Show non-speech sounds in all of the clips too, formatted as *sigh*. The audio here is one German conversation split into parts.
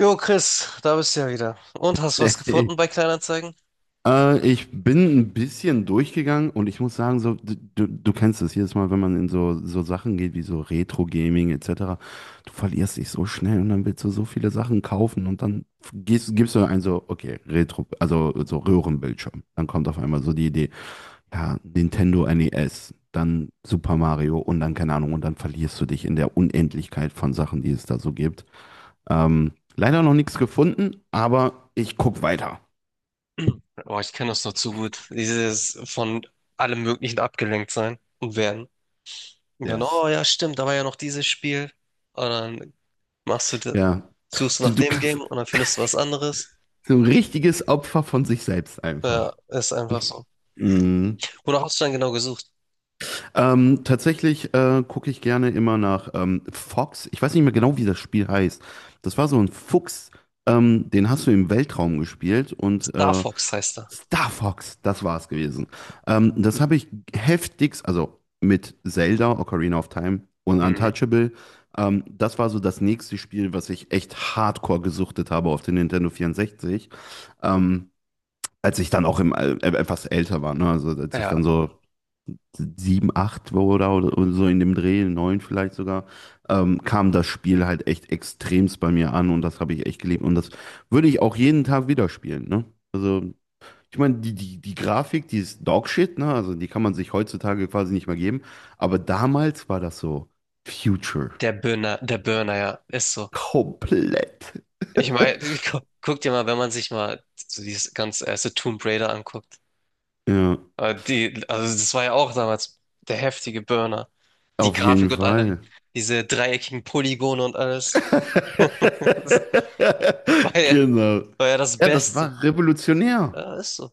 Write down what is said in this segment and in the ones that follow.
Jo, Chris, da bist du ja wieder. Und hast du was Hey, gefunden bei Kleinanzeigen? Ich bin ein bisschen durchgegangen und ich muss sagen, so, du kennst es jedes Mal, wenn man in so Sachen geht wie so Retro-Gaming etc., du verlierst dich so schnell und dann willst du so viele Sachen kaufen und dann gibst du ein so, okay, Retro, also so Röhrenbildschirm. Dann kommt auf einmal so die Idee, ja, Nintendo NES, dann Super Mario und dann keine Ahnung und dann verlierst du dich in der Unendlichkeit von Sachen, die es da so gibt. Leider noch nichts gefunden, aber ich guck weiter. Oh, ich kenne das noch zu gut. Dieses von allem Möglichen abgelenkt sein und werden. Und dann, Yes. oh ja, stimmt, da war ja noch dieses Spiel. Und dann machst du, de- Ja, suchst du du, nach du dem kannst Game und dann findest du was anderes. so ein richtiges Opfer von sich selbst Ja, einfach. ist einfach so. Mhm. Wonach hast du dann genau gesucht? Tatsächlich, gucke ich gerne immer nach Fox. Ich weiß nicht mehr genau, wie das Spiel heißt. Das war so ein Fuchs, den hast du im Weltraum gespielt und Star Fox heißt er. Star Fox, das war es gewesen. Das habe ich heftigst, also mit Zelda, Ocarina of Time und Mhm. Untouchable. Das war so das nächste Spiel, was ich echt hardcore gesuchtet habe auf den Nintendo 64. Ähm, Als ich dann auch etwas älter war, ne? Also als ich Ja, dann so sieben, acht war oder so in dem Dreh, neun vielleicht sogar, kam das Spiel halt echt extremst bei mir an und das habe ich echt geliebt. Und das würde ich auch jeden Tag wieder spielen, ne? Also, ich meine, die Grafik, die ist Dogshit, ne? Also die kann man sich heutzutage quasi nicht mehr geben. Aber damals war das so Future. der Burner, ja, ist so. Komplett. Ich meine, *laughs* *laughs* guck dir mal, wenn man sich mal so dieses ganze erste Tomb Raider anguckt. Ja, Die, also das war ja auch damals der heftige Burner. Die auf Grafik jeden und allem, Fall. diese dreieckigen Polygone und alles. *laughs* Das *laughs* war ja, Genau. war ja das Ja, das Beste. war revolutionär. Ja, ist so.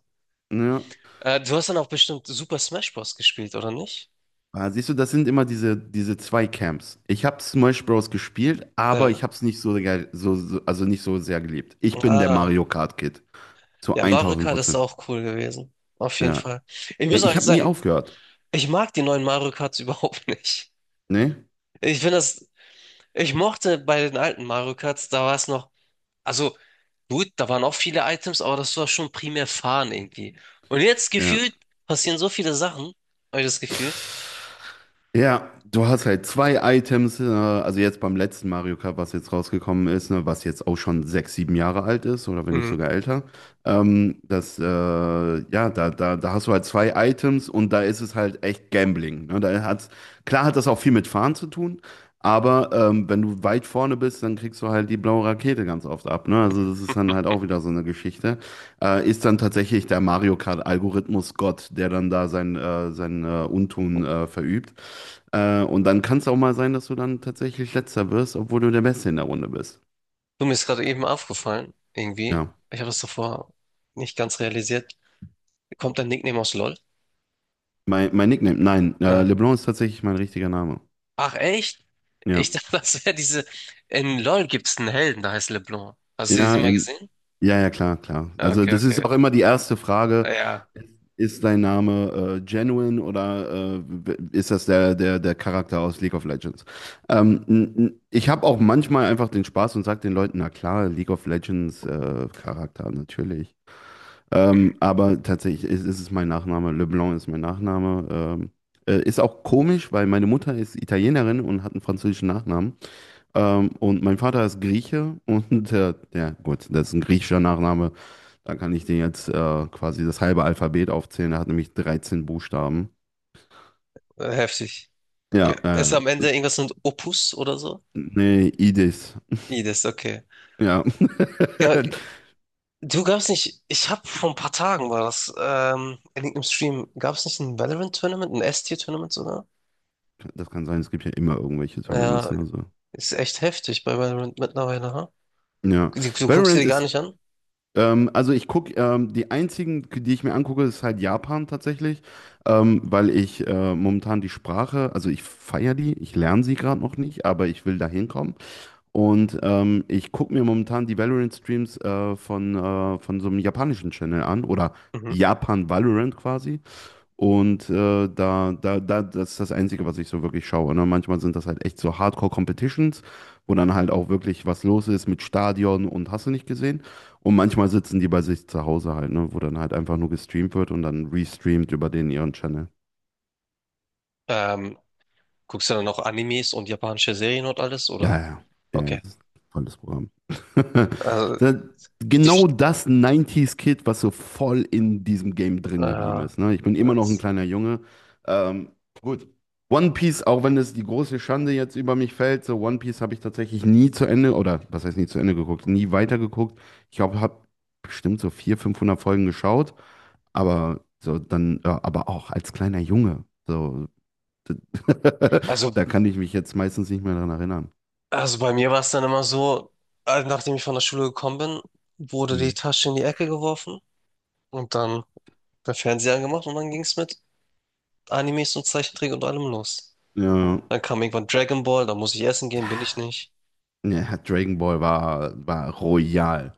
Ja. Du hast dann auch bestimmt Super Smash Bros. Gespielt, oder nicht? Ah, siehst du, das sind immer diese zwei Camps. Ich habe Smash Bros. Gespielt, aber Ja. ich habe es nicht so, also nicht so sehr geliebt. Ich bin der Ah, Mario Kart Kid. Zu ja, Mario 1000 Kart ist Prozent. auch cool gewesen. Auf jeden Ja. Fall. Ich Ja, muss ich euch habe nie sagen, aufgehört. ich mag die neuen Mario Karts *laughs* überhaupt nicht. Ne? Ich finde das, ich mochte bei den alten Mario Karts, da war es noch. Also gut, da waren auch viele Items, aber das war schon primär Fahren irgendwie. Und jetzt Ja. gefühlt passieren so viele Sachen, habe ich das Gefühl. Ja, du hast halt zwei Items, also jetzt beim letzten Mario Kart, was jetzt rausgekommen ist, ne, was jetzt auch schon sechs, sieben Jahre alt ist oder wenn nicht Mhm. sogar älter. Das, ja, da, da, da hast du halt zwei Items und da ist es halt echt Gambling. Ne? Da hat's, klar hat das auch viel mit Fahren zu tun, aber wenn du weit vorne bist, dann kriegst du halt die blaue Rakete ganz oft ab. Ne? Also das ist dann halt auch wieder so eine Geschichte, ist dann tatsächlich der Mario Kart-Algorithmus Gott, der dann da sein Untun verübt. Und dann kann es auch mal sein, dass du dann tatsächlich Letzter wirst, obwohl du der Beste in der Runde bist. Du, mir ist gerade eben aufgefallen, irgendwie. Ja. Ich habe es davor nicht ganz realisiert. Kommt dein Nickname aus LOL? Mein Nickname, nein, Ja. LeBlanc ist tatsächlich mein richtiger Name. Ach, echt? Ja. Ich *laughs* dachte, das wäre diese. In LOL gibt es einen Helden, der heißt LeBlanc. Hast du sie Ja, mal gesehen? ja, ja, klar, klar. Ja, Also okay, das okay. ist auch immer die erste Frage. Ja, Ist dein Name, genuine oder ist das der Charakter aus League of Legends? Ich habe auch manchmal einfach den Spaß und sage den Leuten, na klar, League of Legends, Charakter, natürlich. Aber tatsächlich ist es mein Nachname. LeBlanc ist mein Nachname. Ist auch komisch, weil meine Mutter ist Italienerin und hat einen französischen Nachnamen. Und mein Vater ist Grieche und *laughs* ja, gut, das ist ein griechischer Nachname. Da kann ich dir jetzt quasi das halbe Alphabet aufzählen. Er hat nämlich 13 Buchstaben. heftig. Ja, Ist am Ende irgendwas mit Opus oder so? nee, Idis. I, das ist okay. Ja. Ja, *laughs* du gab's nicht, ich habe vor ein paar Tagen war das, in irgendeinem Stream, gab's nicht ein Valorant-Tournament, ein S-Tier-Tournament sogar? Das kann sein, es gibt ja immer irgendwelche Tournaments. Ja, Ne, also. ist echt heftig bei Valorant mittlerweile, ha? Ja. Du guckst dir Valorant die gar nicht ist, an? Also ich gucke, die einzigen, die ich mir angucke, ist halt Japan tatsächlich, weil ich momentan die Sprache, also ich feiere die, ich lerne sie gerade noch nicht, aber ich will da hinkommen. Und ich gucke mir momentan die Valorant-Streams von so einem japanischen Channel an oder Mhm. Japan Valorant quasi. Und das ist das Einzige, was ich so wirklich schaue. Ne? Manchmal sind das halt echt so Hardcore-Competitions, wo dann halt auch wirklich was los ist mit Stadion und hast du nicht gesehen. Und manchmal sitzen die bei sich zu Hause halt, ne? Wo dann halt einfach nur gestreamt wird und dann restreamt über den ihren Channel. Ähm, Guckst du dann auch Animes und japanische Serien und alles, Ja, oder? ja, ja, ja, Okay. das ist ein tolles Programm. *laughs* Also, Da- die, Genau, Sch- das 90 kid, was so voll in diesem Game drin geblieben äh, ist. Ne? Ich bin immer noch ein es- kleiner Junge. Ähm, gut. One Piece, auch wenn es die große Schande jetzt über mich fällt, so One Piece habe ich tatsächlich nie zu Ende, oder was heißt nie zu Ende geguckt, nie weitergeguckt. Ich glaube, habe bestimmt so 400, 500 Folgen geschaut, aber so dann, ja, aber auch als kleiner Junge. So, *laughs* also, da kann ich mich jetzt meistens nicht mehr dran erinnern. also bei mir war es dann immer so, nachdem ich von der Schule gekommen bin, wurde Hm. die Tasche in die Ecke geworfen und dann der Fernseher angemacht und dann ging es mit Animes und Zeichentrick und allem los. Ja, Dann kam irgendwann Dragon Ball, da muss ich essen gehen, bin ich nicht. ja, ja, Dragon Ball war royal.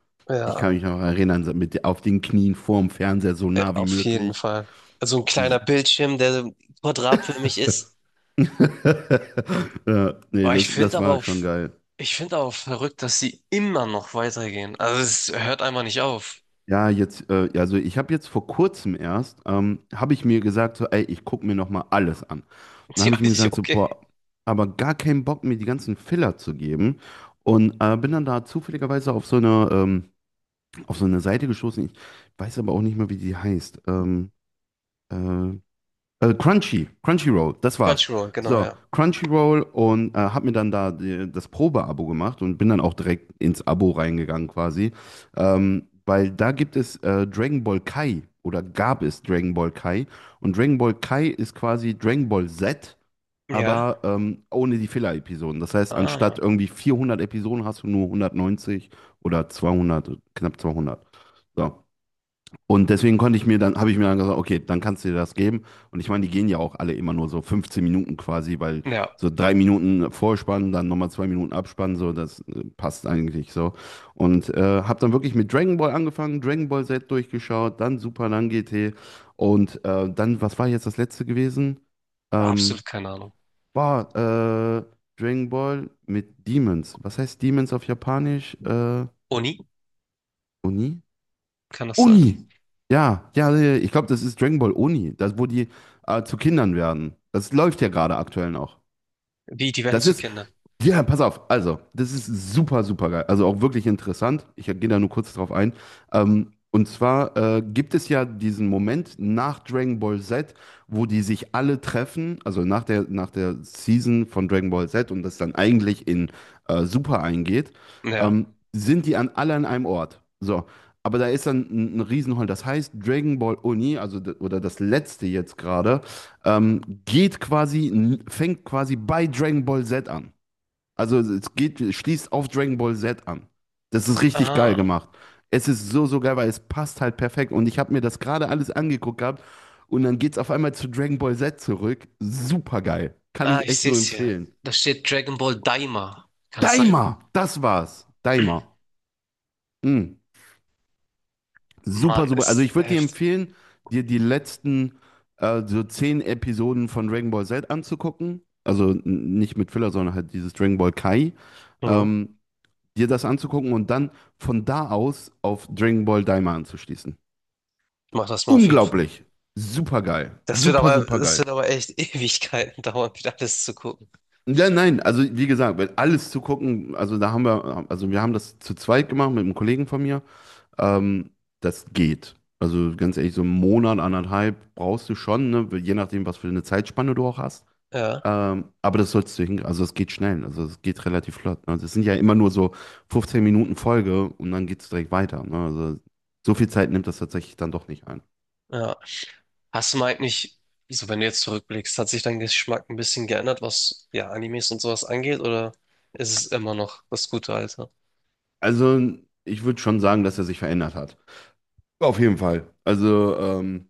Ich Ja, kann mich noch erinnern, so mit auf den Knien vorm Fernseher so nah wie auf jeden möglich. Fall. Also ein Diese kleiner Bildschirm, der quadratförmig ist. *laughs* Ja, nee, Boah, ich das, finde das aber war auch, schon geil. ich finde aber auch verrückt, dass sie immer noch weitergehen. Also es hört einfach nicht auf. Ja, jetzt, ja, also ich habe jetzt vor kurzem erst, habe ich mir gesagt, so, ey, ich gucke mir nochmal alles an. *laughs* Dann Ja, habe ich mir gesagt, so, okay. boah, aber gar keinen Bock, mir die ganzen Filler zu geben. Und bin dann da zufälligerweise auf so eine Seite gestoßen. Ich weiß aber auch nicht mehr, wie die heißt. Äh, Crunchyroll, das war's. Crunchyroll, genau, So, ja. Crunchyroll und hab mir dann da das Probe-Abo gemacht und bin dann auch direkt ins Abo reingegangen quasi. Weil da gibt es Dragon Ball Kai oder gab es Dragon Ball Kai. Und Dragon Ball Kai ist quasi Dragon Ball Z, Ja. aber ohne die Filler-Episoden. Das heißt, anstatt Ah. irgendwie 400 Episoden hast du nur 190 oder 200, knapp 200. So. Und deswegen konnte ich mir dann, habe ich mir dann gesagt, okay, dann kannst du dir das geben. Und ich meine, die gehen ja auch alle immer nur so 15 Minuten quasi, weil Ja, so 3 Minuten Vorspann, dann nochmal 2 Minuten Abspann, so, das passt eigentlich so. Und habe dann wirklich mit Dragon Ball angefangen, Dragon Ball Z durchgeschaut, dann Super, dann GT. Und dann, was war jetzt das letzte gewesen? Ähm, absolut keine Ahnung. War Dragon Ball mit Demons. Was heißt Demons auf Japanisch? Uni, Oni? kann das sein? Oni. Ja, ja, ja, ich glaube, das ist Dragon Ball Oni, das, wo die zu Kindern werden. Das läuft ja gerade aktuell noch. Wie, die werden Das zu ist, Kindern. ja, pass auf, also, das ist super, super geil. Also auch wirklich interessant. Ich gehe da nur kurz drauf ein. Und zwar, gibt es ja diesen Moment nach Dragon Ball Z, wo die sich alle treffen, also nach der, Season von Dragon Ball Z und das dann eigentlich in Super eingeht, Ja. ähm, sind die an alle an einem Ort. So. Aber da ist dann ein Riesenhall. Das heißt, Dragon Ball Uni, also oder das letzte jetzt gerade, fängt quasi bei Dragon Ball Z an. Also es schließt auf Dragon Ball Z an. Das ist richtig geil Ah, gemacht. Es ist so, so geil, weil es passt halt perfekt. Und ich habe mir das gerade alles angeguckt gehabt und dann geht's auf einmal zu Dragon Ball Z zurück. Super geil. Kann ah, ich ich echt sehe nur es hier. empfehlen. Da steht Dragon Ball Daima. Kann das sein? Daima, das war's. Daima. Mm. Super, Mann, super. Also ist ich würde dir heftig. empfehlen, dir die letzten, so 10 Episoden von Dragon Ball Z anzugucken. Also nicht mit Filler, sondern halt dieses Dragon Ball Kai. Mhm. Ähm, Dir das anzugucken und dann von da aus auf Dragon Ball Daima anzuschließen. Ich mach das mal auf jeden Fall. Unglaublich. Super geil. Das wird Super, aber, super das wird geil. aber echt *laughs* Ewigkeiten dauern, wieder alles zu gucken. Ja, nein, also wie gesagt, weil alles zu gucken, also da haben wir, also wir haben das zu zweit gemacht mit einem Kollegen von mir. Ähm, Das geht. Also ganz ehrlich, so einen Monat, anderthalb brauchst du schon, ne? Je nachdem, was für eine Zeitspanne du auch hast. Ja, Aber das sollst du hin, also es geht schnell, also es geht relativ flott. Ne? Das sind ja immer nur so 15 Minuten Folge und dann geht es direkt weiter. Ne? Also so viel Zeit nimmt das tatsächlich dann doch nicht ein. ja. Hast du mal eigentlich, so wenn du jetzt zurückblickst, hat sich dein Geschmack ein bisschen geändert, was ja Animes und sowas angeht, oder ist es immer noch das gute Alte? Also ich würde schon sagen, dass er sich verändert hat. Auf jeden Fall. Also,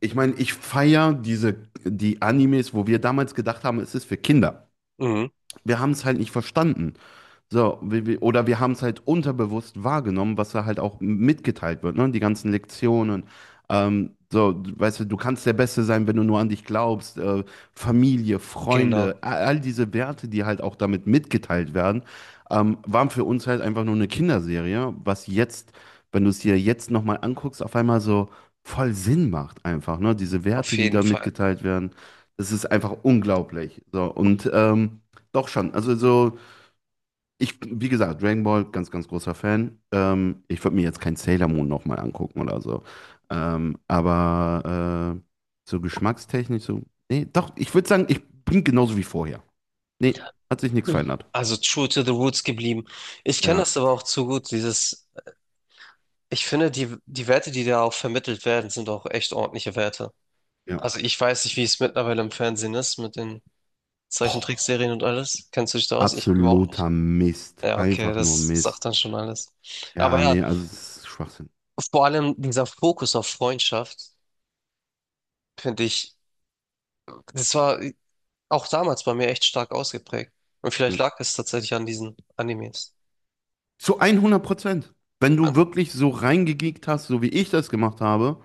ich meine, ich feiere die Animes, wo wir damals gedacht haben, es ist für Kinder. Mhm, Wir haben es halt nicht verstanden. So, wir, oder wir haben es halt unterbewusst wahrgenommen, was da halt auch mitgeteilt wird, ne? Die ganzen Lektionen. So, weißt du, du kannst der Beste sein, wenn du nur an dich glaubst. Familie, genau, Freunde, all diese Werte, die halt auch damit mitgeteilt werden, waren für uns halt einfach nur eine Kinderserie, was jetzt, wenn du es dir jetzt nochmal anguckst, auf einmal so voll Sinn macht einfach, ne? Diese auf Werte, die jeden da Fall. mitgeteilt werden, das ist einfach unglaublich. So, und doch schon, also so. Ich, wie gesagt, Dragon Ball, ganz, ganz großer Fan. Ich würde mir jetzt kein Sailor Moon nochmal angucken oder so. Aber so geschmackstechnisch, so. Nee, doch, ich würde sagen, ich bin genauso wie vorher. Nee, hat sich nichts Mhm. verändert. Also true to the roots geblieben. Ich kenne Ja, das aber auch zu gut, dieses, ich finde, die Werte, die da auch vermittelt werden, sind auch echt ordentliche Werte. ja. Also ich weiß nicht, wie es mittlerweile im Fernsehen ist mit den Zeichentrickserien und alles? Kennst du dich da aus? Ich überhaupt nicht. Absoluter Mist. Ja, okay, Einfach nur das sagt Mist. dann schon alles. Aber Ja, ja, nee, also es ist Schwachsinn. vor allem dieser Fokus auf Freundschaft, finde ich, das war auch damals bei mir echt stark ausgeprägt. Und vielleicht Hm. lag es tatsächlich an diesen Animes. Zu 100%. Wenn du wirklich so reingegeekt hast, so wie ich das gemacht habe,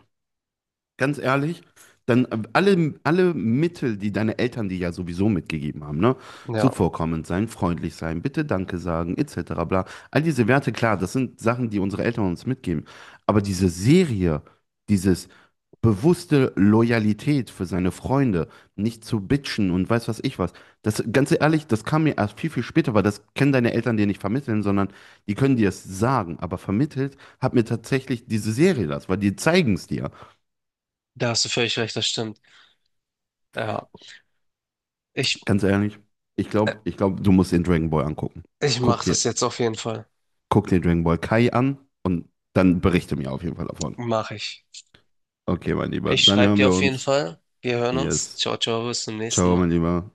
ganz ehrlich, dann, alle Mittel, die deine Eltern dir ja sowieso mitgegeben haben, ne? Ja, Zuvorkommend sein, freundlich sein, bitte Danke sagen, etc. bla. All diese Werte, klar, das sind Sachen, die unsere Eltern uns mitgeben. Aber diese Serie, dieses bewusste Loyalität für seine Freunde, nicht zu bitchen und weiß was ich was, das, ganz ehrlich, das kam mir erst viel, viel später, weil das können deine Eltern dir nicht vermitteln, sondern die können dir es sagen. Aber vermittelt hat mir tatsächlich diese Serie das, weil die zeigen es dir. da hast du völlig recht, das stimmt. Ja, ich, Ganz ehrlich, ich äh, glaube, ich glaub, du musst den Dragon Ball angucken. ich Guck mache dir, das jetzt auf jeden Fall. guck dir Dragon Ball Kai an und dann berichte mir auf jeden Fall davon. Mache ich. Okay, mein Lieber, Ich dann schreibe hören dir wir auf jeden uns. Fall. Wir hören uns. Yes. Ciao, ciao, bis zum nächsten Ciao, Mal. mein Lieber.